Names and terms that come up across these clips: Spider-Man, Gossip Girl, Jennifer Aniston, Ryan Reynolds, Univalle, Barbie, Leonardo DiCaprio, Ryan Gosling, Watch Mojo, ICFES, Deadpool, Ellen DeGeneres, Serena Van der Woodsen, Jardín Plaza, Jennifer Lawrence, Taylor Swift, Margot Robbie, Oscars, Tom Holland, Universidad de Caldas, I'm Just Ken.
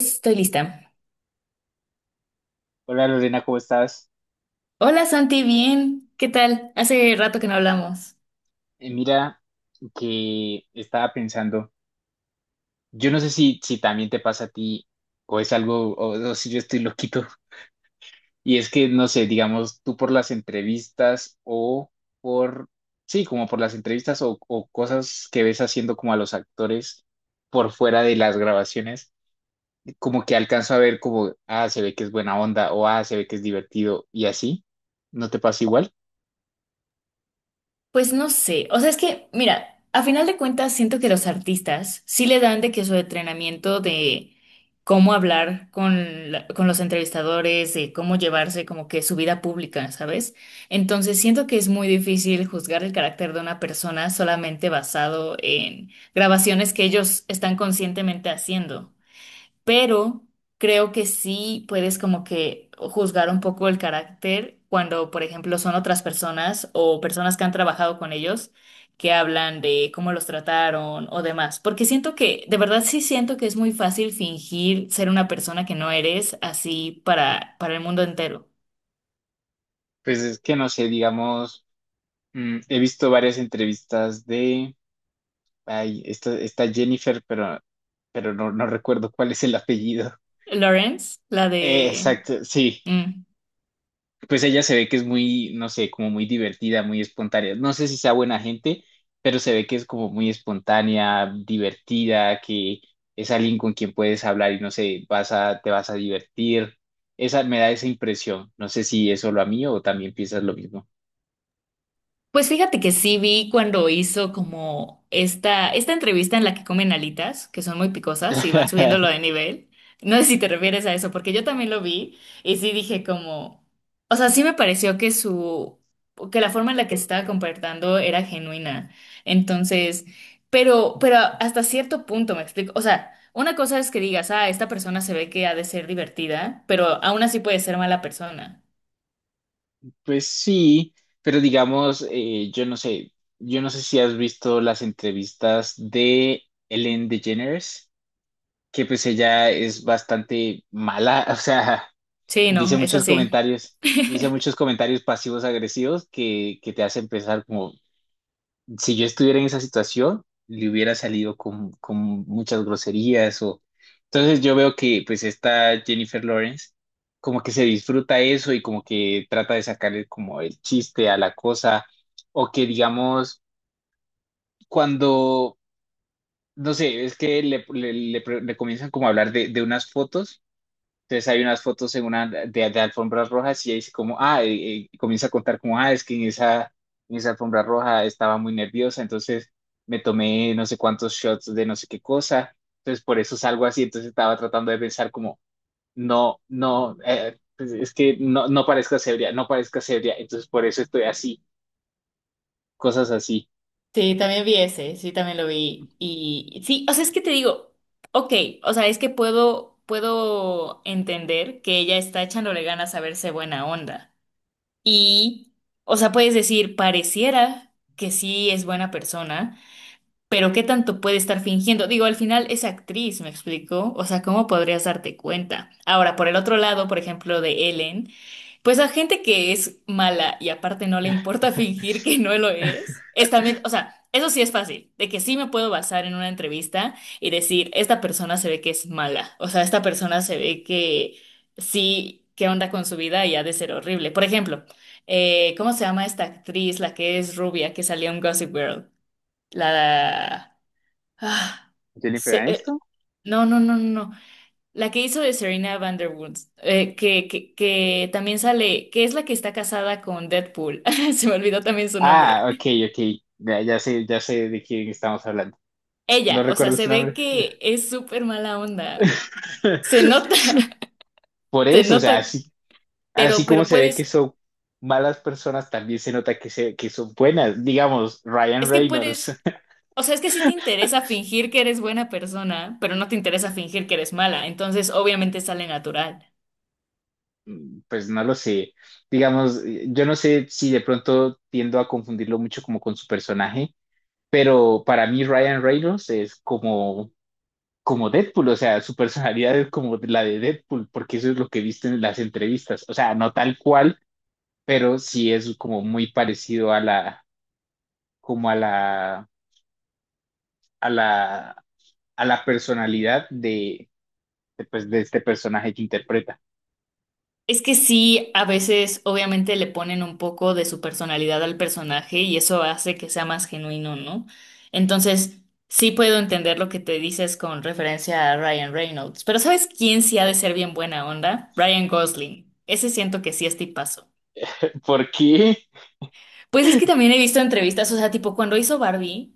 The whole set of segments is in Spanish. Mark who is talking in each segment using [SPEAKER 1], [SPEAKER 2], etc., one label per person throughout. [SPEAKER 1] Estoy lista.
[SPEAKER 2] Hola Lorena, ¿cómo estás?
[SPEAKER 1] Hola Santi, bien. ¿Qué tal? Hace rato que no hablamos.
[SPEAKER 2] Mira que estaba pensando, yo no sé si también te pasa a ti o es algo, o si yo estoy loquito, y es que, no sé, digamos, tú por las entrevistas por, sí, como por las entrevistas o cosas que ves haciendo como a los actores por fuera de las grabaciones, como que alcanzo a ver como, ah, se ve que es buena onda o ah, se ve que es divertido y así, ¿no te pasa igual?
[SPEAKER 1] Pues no sé. O sea, es que, mira, a final de cuentas siento que los artistas sí le dan de que su entrenamiento de cómo hablar con, con los entrevistadores, de cómo llevarse como que su vida pública, ¿sabes? Entonces siento que es muy difícil juzgar el carácter de una persona solamente basado en grabaciones que ellos están conscientemente haciendo. Pero creo que sí puedes como que juzgar un poco el carácter cuando, por ejemplo, son otras personas o personas que han trabajado con ellos que hablan de cómo los trataron o demás, porque siento que, de verdad sí siento que es muy fácil fingir ser una persona que no eres así para el mundo entero.
[SPEAKER 2] Pues es que, no sé, digamos... he visto varias entrevistas de, ay, esta Jennifer, pero, no recuerdo cuál es el apellido.
[SPEAKER 1] Lawrence, la
[SPEAKER 2] Eh,
[SPEAKER 1] de...
[SPEAKER 2] exacto, sí.
[SPEAKER 1] Mm.
[SPEAKER 2] Pues ella se ve que es muy, no sé, como muy divertida, muy espontánea. No sé si sea buena gente, pero se ve que es como muy espontánea, divertida, que es alguien con quien puedes hablar y no sé, te vas a divertir. Esa me da esa impresión. No sé si es solo a mí o también piensas lo mismo.
[SPEAKER 1] Pues fíjate que sí vi cuando hizo como esta entrevista en la que comen alitas, que son muy picosas y van subiéndolo de nivel. No sé si te refieres a eso, porque yo también lo vi y sí dije como, o sea, sí me pareció que que la forma en la que estaba comportando era genuina. Entonces, pero hasta cierto punto me explico. O sea, una cosa es que digas, ah, esta persona se ve que ha de ser divertida, pero aún así puede ser mala persona.
[SPEAKER 2] Pues sí, pero digamos, yo no sé si has visto las entrevistas de Ellen DeGeneres, que pues ella es bastante mala, o sea,
[SPEAKER 1] Sí,
[SPEAKER 2] dice
[SPEAKER 1] no, es
[SPEAKER 2] muchos
[SPEAKER 1] así.
[SPEAKER 2] comentarios, dice muchos comentarios pasivos agresivos que te hacen pensar como, si yo estuviera en esa situación, le hubiera salido con muchas groserías o... Entonces yo veo que pues esta Jennifer Lawrence como que se disfruta eso y como que trata de sacarle como el chiste a la cosa o que digamos cuando, no sé, es que le comienzan como a hablar de unas fotos. Entonces hay unas fotos en una de alfombras rojas y ahí dice como, ah, comienza a contar como, ah, es que en esa alfombra roja estaba muy nerviosa, entonces me tomé no sé cuántos shots de no sé qué cosa, entonces por eso salgo así, entonces estaba tratando de pensar como, no, no, pues, es que no, no parezca sebria, no parezca sebria, entonces por eso estoy así, cosas así.
[SPEAKER 1] Sí, también vi ese, sí, también lo vi. Y sí, o sea, es que te digo, ok, o sea, es que puedo entender que ella está echándole ganas a verse buena onda. Y, o sea, puedes decir, pareciera que sí es buena persona, pero ¿qué tanto puede estar fingiendo? Digo, al final es actriz, ¿me explico? O sea, ¿cómo podrías darte cuenta? Ahora, por el otro lado, por ejemplo, de Ellen. Pues a gente que es mala y aparte no le importa fingir que no lo es también, o sea, eso sí es fácil, de que sí me puedo basar en una entrevista y decir, esta persona se ve que es mala, o sea, esta persona se ve que sí, qué onda con su vida y ha de ser horrible. Por ejemplo, ¿cómo se llama esta actriz, la que es rubia, que salió en Gossip Girl? La... ah,
[SPEAKER 2] Jennifer
[SPEAKER 1] se- eh,
[SPEAKER 2] Aniston.
[SPEAKER 1] no, no, no, no, no. La que hizo de Serena Van der Woodst, que también sale, que es la que está casada con Deadpool. Se me olvidó también su nombre.
[SPEAKER 2] Ah, ok, ok, ya, ya sé de quién estamos hablando. No
[SPEAKER 1] Ella, o sea,
[SPEAKER 2] recuerdo
[SPEAKER 1] se
[SPEAKER 2] su
[SPEAKER 1] ve
[SPEAKER 2] nombre.
[SPEAKER 1] que es súper mala onda. Se nota,
[SPEAKER 2] Por
[SPEAKER 1] se
[SPEAKER 2] eso, o sea,
[SPEAKER 1] nota,
[SPEAKER 2] sí, así
[SPEAKER 1] pero,
[SPEAKER 2] como
[SPEAKER 1] pero
[SPEAKER 2] se ve que
[SPEAKER 1] puedes,
[SPEAKER 2] son malas personas, también se nota que, se, que son buenas. Digamos, Ryan
[SPEAKER 1] es que
[SPEAKER 2] Reynolds,
[SPEAKER 1] puedes, o sea, es que sí te interesa fingir que eres buena persona, pero no te interesa fingir que eres mala, entonces obviamente sale natural.
[SPEAKER 2] mm, pues no lo sé. Digamos, yo no sé si de pronto tiendo a confundirlo mucho como con su personaje, pero para mí Ryan Reynolds es como, como Deadpool, o sea, su personalidad es como la de Deadpool, porque eso es lo que viste en las entrevistas. O sea, no tal cual, pero sí es como muy parecido a la, como a la, a la, a la personalidad de pues, de este personaje que interpreta.
[SPEAKER 1] Es que sí, a veces obviamente le ponen un poco de su personalidad al personaje y eso hace que sea más genuino, ¿no? Entonces, sí puedo entender lo que te dices con referencia a Ryan Reynolds, pero ¿sabes quién sí ha de ser bien buena onda? Ryan Gosling. Ese siento que sí es tipazo.
[SPEAKER 2] ¿Por qué?
[SPEAKER 1] Pues es que también he visto entrevistas, o sea, tipo cuando hizo Barbie.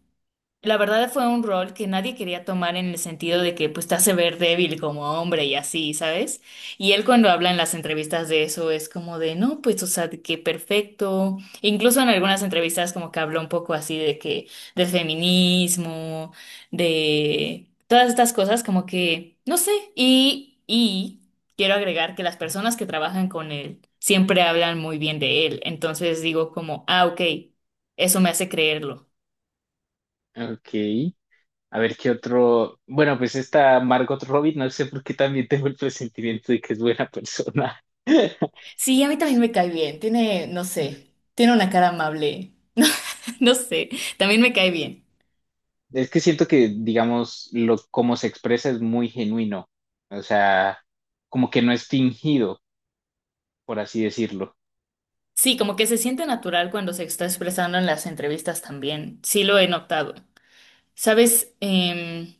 [SPEAKER 1] La verdad fue un rol que nadie quería tomar en el sentido de que pues te hace ver débil como hombre y así, ¿sabes? Y él cuando habla en las entrevistas de eso es como de, no, pues o sea, de que perfecto. Incluso en algunas entrevistas como que habló un poco así de que del feminismo, de todas estas cosas como que, no sé, y quiero agregar que las personas que trabajan con él siempre hablan muy bien de él. Entonces digo como, ah, ok, eso me hace creerlo.
[SPEAKER 2] Ok. A ver qué otro. Bueno, pues esta Margot Robbie, no sé por qué también tengo el presentimiento de que es buena persona.
[SPEAKER 1] Sí, a mí también me cae bien. Tiene, no sé, tiene una cara amable. No sé, también me cae bien.
[SPEAKER 2] Es que siento que, digamos, lo, cómo se expresa es muy genuino. O sea, como que no es fingido, por así decirlo.
[SPEAKER 1] Sí, como que se siente natural cuando se está expresando en las entrevistas también. Sí, lo he notado. ¿Sabes?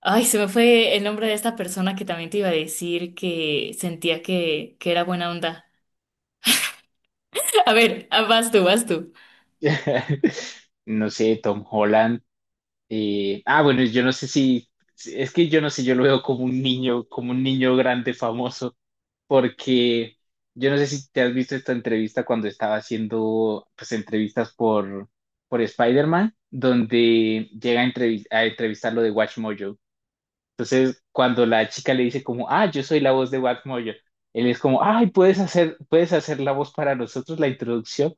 [SPEAKER 1] Ay, se me fue el nombre de esta persona que también te iba a decir que sentía que era buena onda. A ver, ah, vas tú.
[SPEAKER 2] No sé, Tom Holland. Bueno, yo no sé si. Es que yo no sé, yo lo veo como un niño grande famoso. Porque yo no sé si te has visto esta entrevista cuando estaba haciendo pues por Spider-Man, donde a entrevistar lo de Watch Mojo. Entonces, cuando la chica le dice como, ah, yo soy la voz de Watch Mojo, él es como, ay, puedes hacer la voz para nosotros, la introducción.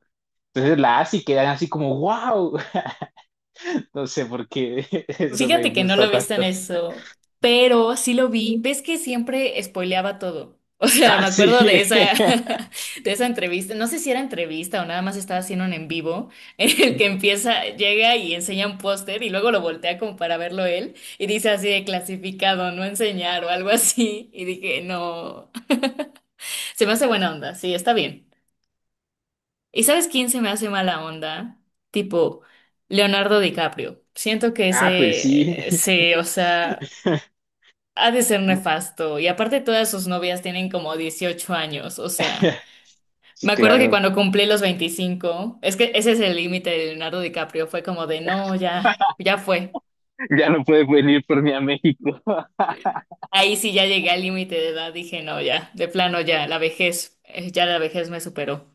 [SPEAKER 2] Entonces la hace y quedan así como, wow, no sé por qué eso me
[SPEAKER 1] Fíjate que no
[SPEAKER 2] gusta
[SPEAKER 1] lo viste en
[SPEAKER 2] tanto.
[SPEAKER 1] eso, pero sí lo vi. ¿Ves que siempre spoileaba todo? O sea,
[SPEAKER 2] Ah,
[SPEAKER 1] me
[SPEAKER 2] sí.
[SPEAKER 1] acuerdo de esa, de esa entrevista. No sé si era entrevista o nada más estaba haciendo un en vivo, en el que empieza, llega y enseña un póster y luego lo voltea como para verlo él y dice así de clasificado, no enseñar o algo así. Y dije, no, se me hace buena onda, sí, está bien. ¿Y sabes quién se me hace mala onda? Tipo, Leonardo DiCaprio. Siento que
[SPEAKER 2] Ah, pues sí.
[SPEAKER 1] ese, sí, o sea. Ha de ser nefasto. Y aparte todas sus novias tienen como 18 años. O sea,
[SPEAKER 2] Sí,
[SPEAKER 1] me acuerdo que
[SPEAKER 2] claro,
[SPEAKER 1] cuando cumplí los 25, es que ese es el límite de Leonardo DiCaprio. Fue como de, no, ya, ya fue.
[SPEAKER 2] ya no puede venir por mí a México.
[SPEAKER 1] Ahí sí ya llegué al límite de edad. Dije, no, ya, de plano ya la vejez me superó.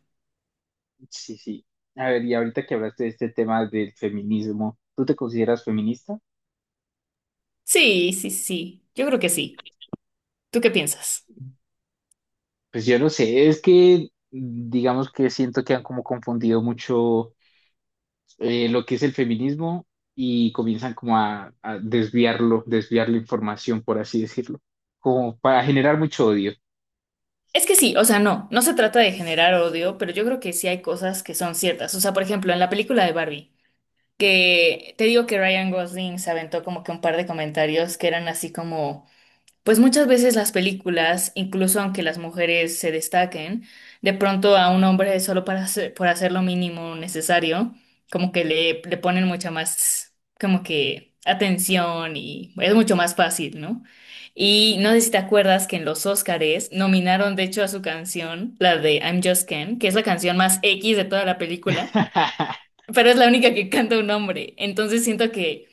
[SPEAKER 2] Sí, sí. A ver, y ahorita que hablaste de este tema del feminismo, ¿tú te consideras feminista?
[SPEAKER 1] Sí, sí, sí. Yo creo que sí. ¿Tú qué piensas?
[SPEAKER 2] Pues yo no sé, es que digamos que siento que han como confundido mucho lo que es el feminismo y comienzan como a desviarlo, desviar la información, por así decirlo, como para generar mucho odio.
[SPEAKER 1] Es que sí, o sea, no, no se trata de generar odio, pero yo creo que sí hay cosas que son ciertas. O sea, por ejemplo, en la película de Barbie. Que te digo que Ryan Gosling se aventó como que un par de comentarios que eran así como, pues muchas veces las películas, incluso aunque las mujeres se destaquen, de pronto a un hombre solo para hacer, por hacer lo mínimo necesario, como que le ponen mucha más, como que atención y es mucho más fácil, ¿no? Y no sé si te acuerdas que en los Óscares nominaron de hecho a su canción, la de I'm Just Ken, que es la canción más X de toda la película, pero es la única que canta un hombre. Entonces siento que,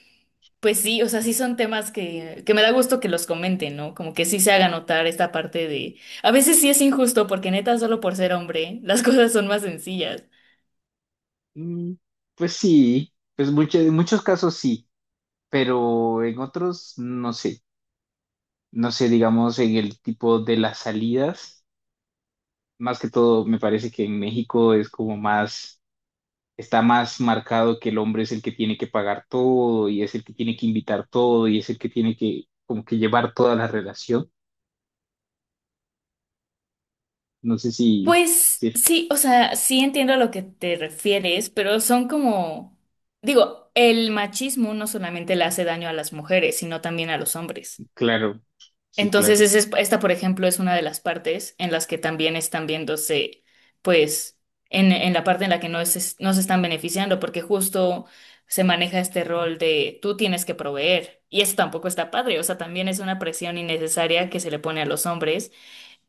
[SPEAKER 1] pues sí, o sea, sí son temas que me da gusto que los comenten, ¿no? Como que sí se haga notar esta parte de, a veces sí es injusto porque neta, solo por ser hombre, las cosas son más sencillas.
[SPEAKER 2] Mm, pues sí, pues mucho- en muchos casos sí, pero en otros no sé. No sé, digamos, en el tipo de las salidas. Más que todo, me parece que en México es como más, está más marcado que el hombre es el que tiene que pagar todo y es el que tiene que invitar todo y es el que tiene que como que llevar toda la relación. No sé si,
[SPEAKER 1] Pues
[SPEAKER 2] sí,
[SPEAKER 1] sí, o sea, sí entiendo a lo que te refieres, pero son como, digo, el machismo no solamente le hace daño a las mujeres, sino también a los hombres.
[SPEAKER 2] claro, sí,
[SPEAKER 1] Entonces,
[SPEAKER 2] claro.
[SPEAKER 1] esta, por ejemplo, es una de las partes en las que también están viéndose, pues, en la parte en la que no, es no se están beneficiando, porque justo se maneja este rol de tú tienes que proveer, y eso tampoco está padre, o sea, también es una presión innecesaria que se le pone a los hombres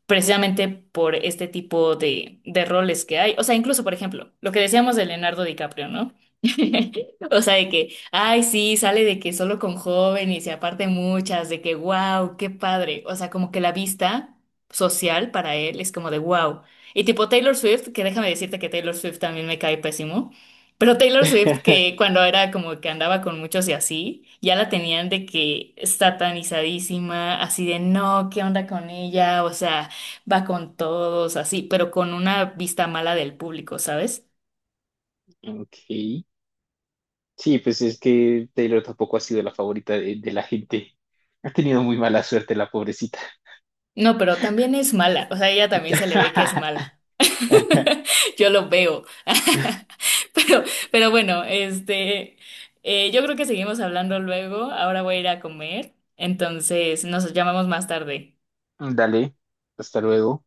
[SPEAKER 1] precisamente por este tipo de roles que hay. O sea, incluso, por ejemplo, lo que decíamos de Leonardo DiCaprio, ¿no? O sea, de que, ay, sí, sale de que solo con jóvenes y aparte muchas, de que, wow, qué padre. O sea, como que la vista social para él es como de, wow. Y tipo Taylor Swift, que déjame decirte que Taylor Swift también me cae pésimo. Pero Taylor Swift, que cuando era como que andaba con muchos y así, ya la tenían de que satanizadísima, así de no, ¿qué onda con ella? O sea, va con todos así, pero con una vista mala del público, ¿sabes?
[SPEAKER 2] Ok. Sí, pues es que Taylor tampoco ha sido la favorita de la gente. Ha tenido muy mala suerte la pobrecita.
[SPEAKER 1] No, pero también es mala, o sea, ella también se le ve que es mala. Yo lo veo. Pero, pero bueno, este, yo creo que seguimos hablando luego. Ahora voy a ir a comer, entonces nos llamamos más tarde.
[SPEAKER 2] Dale, hasta luego.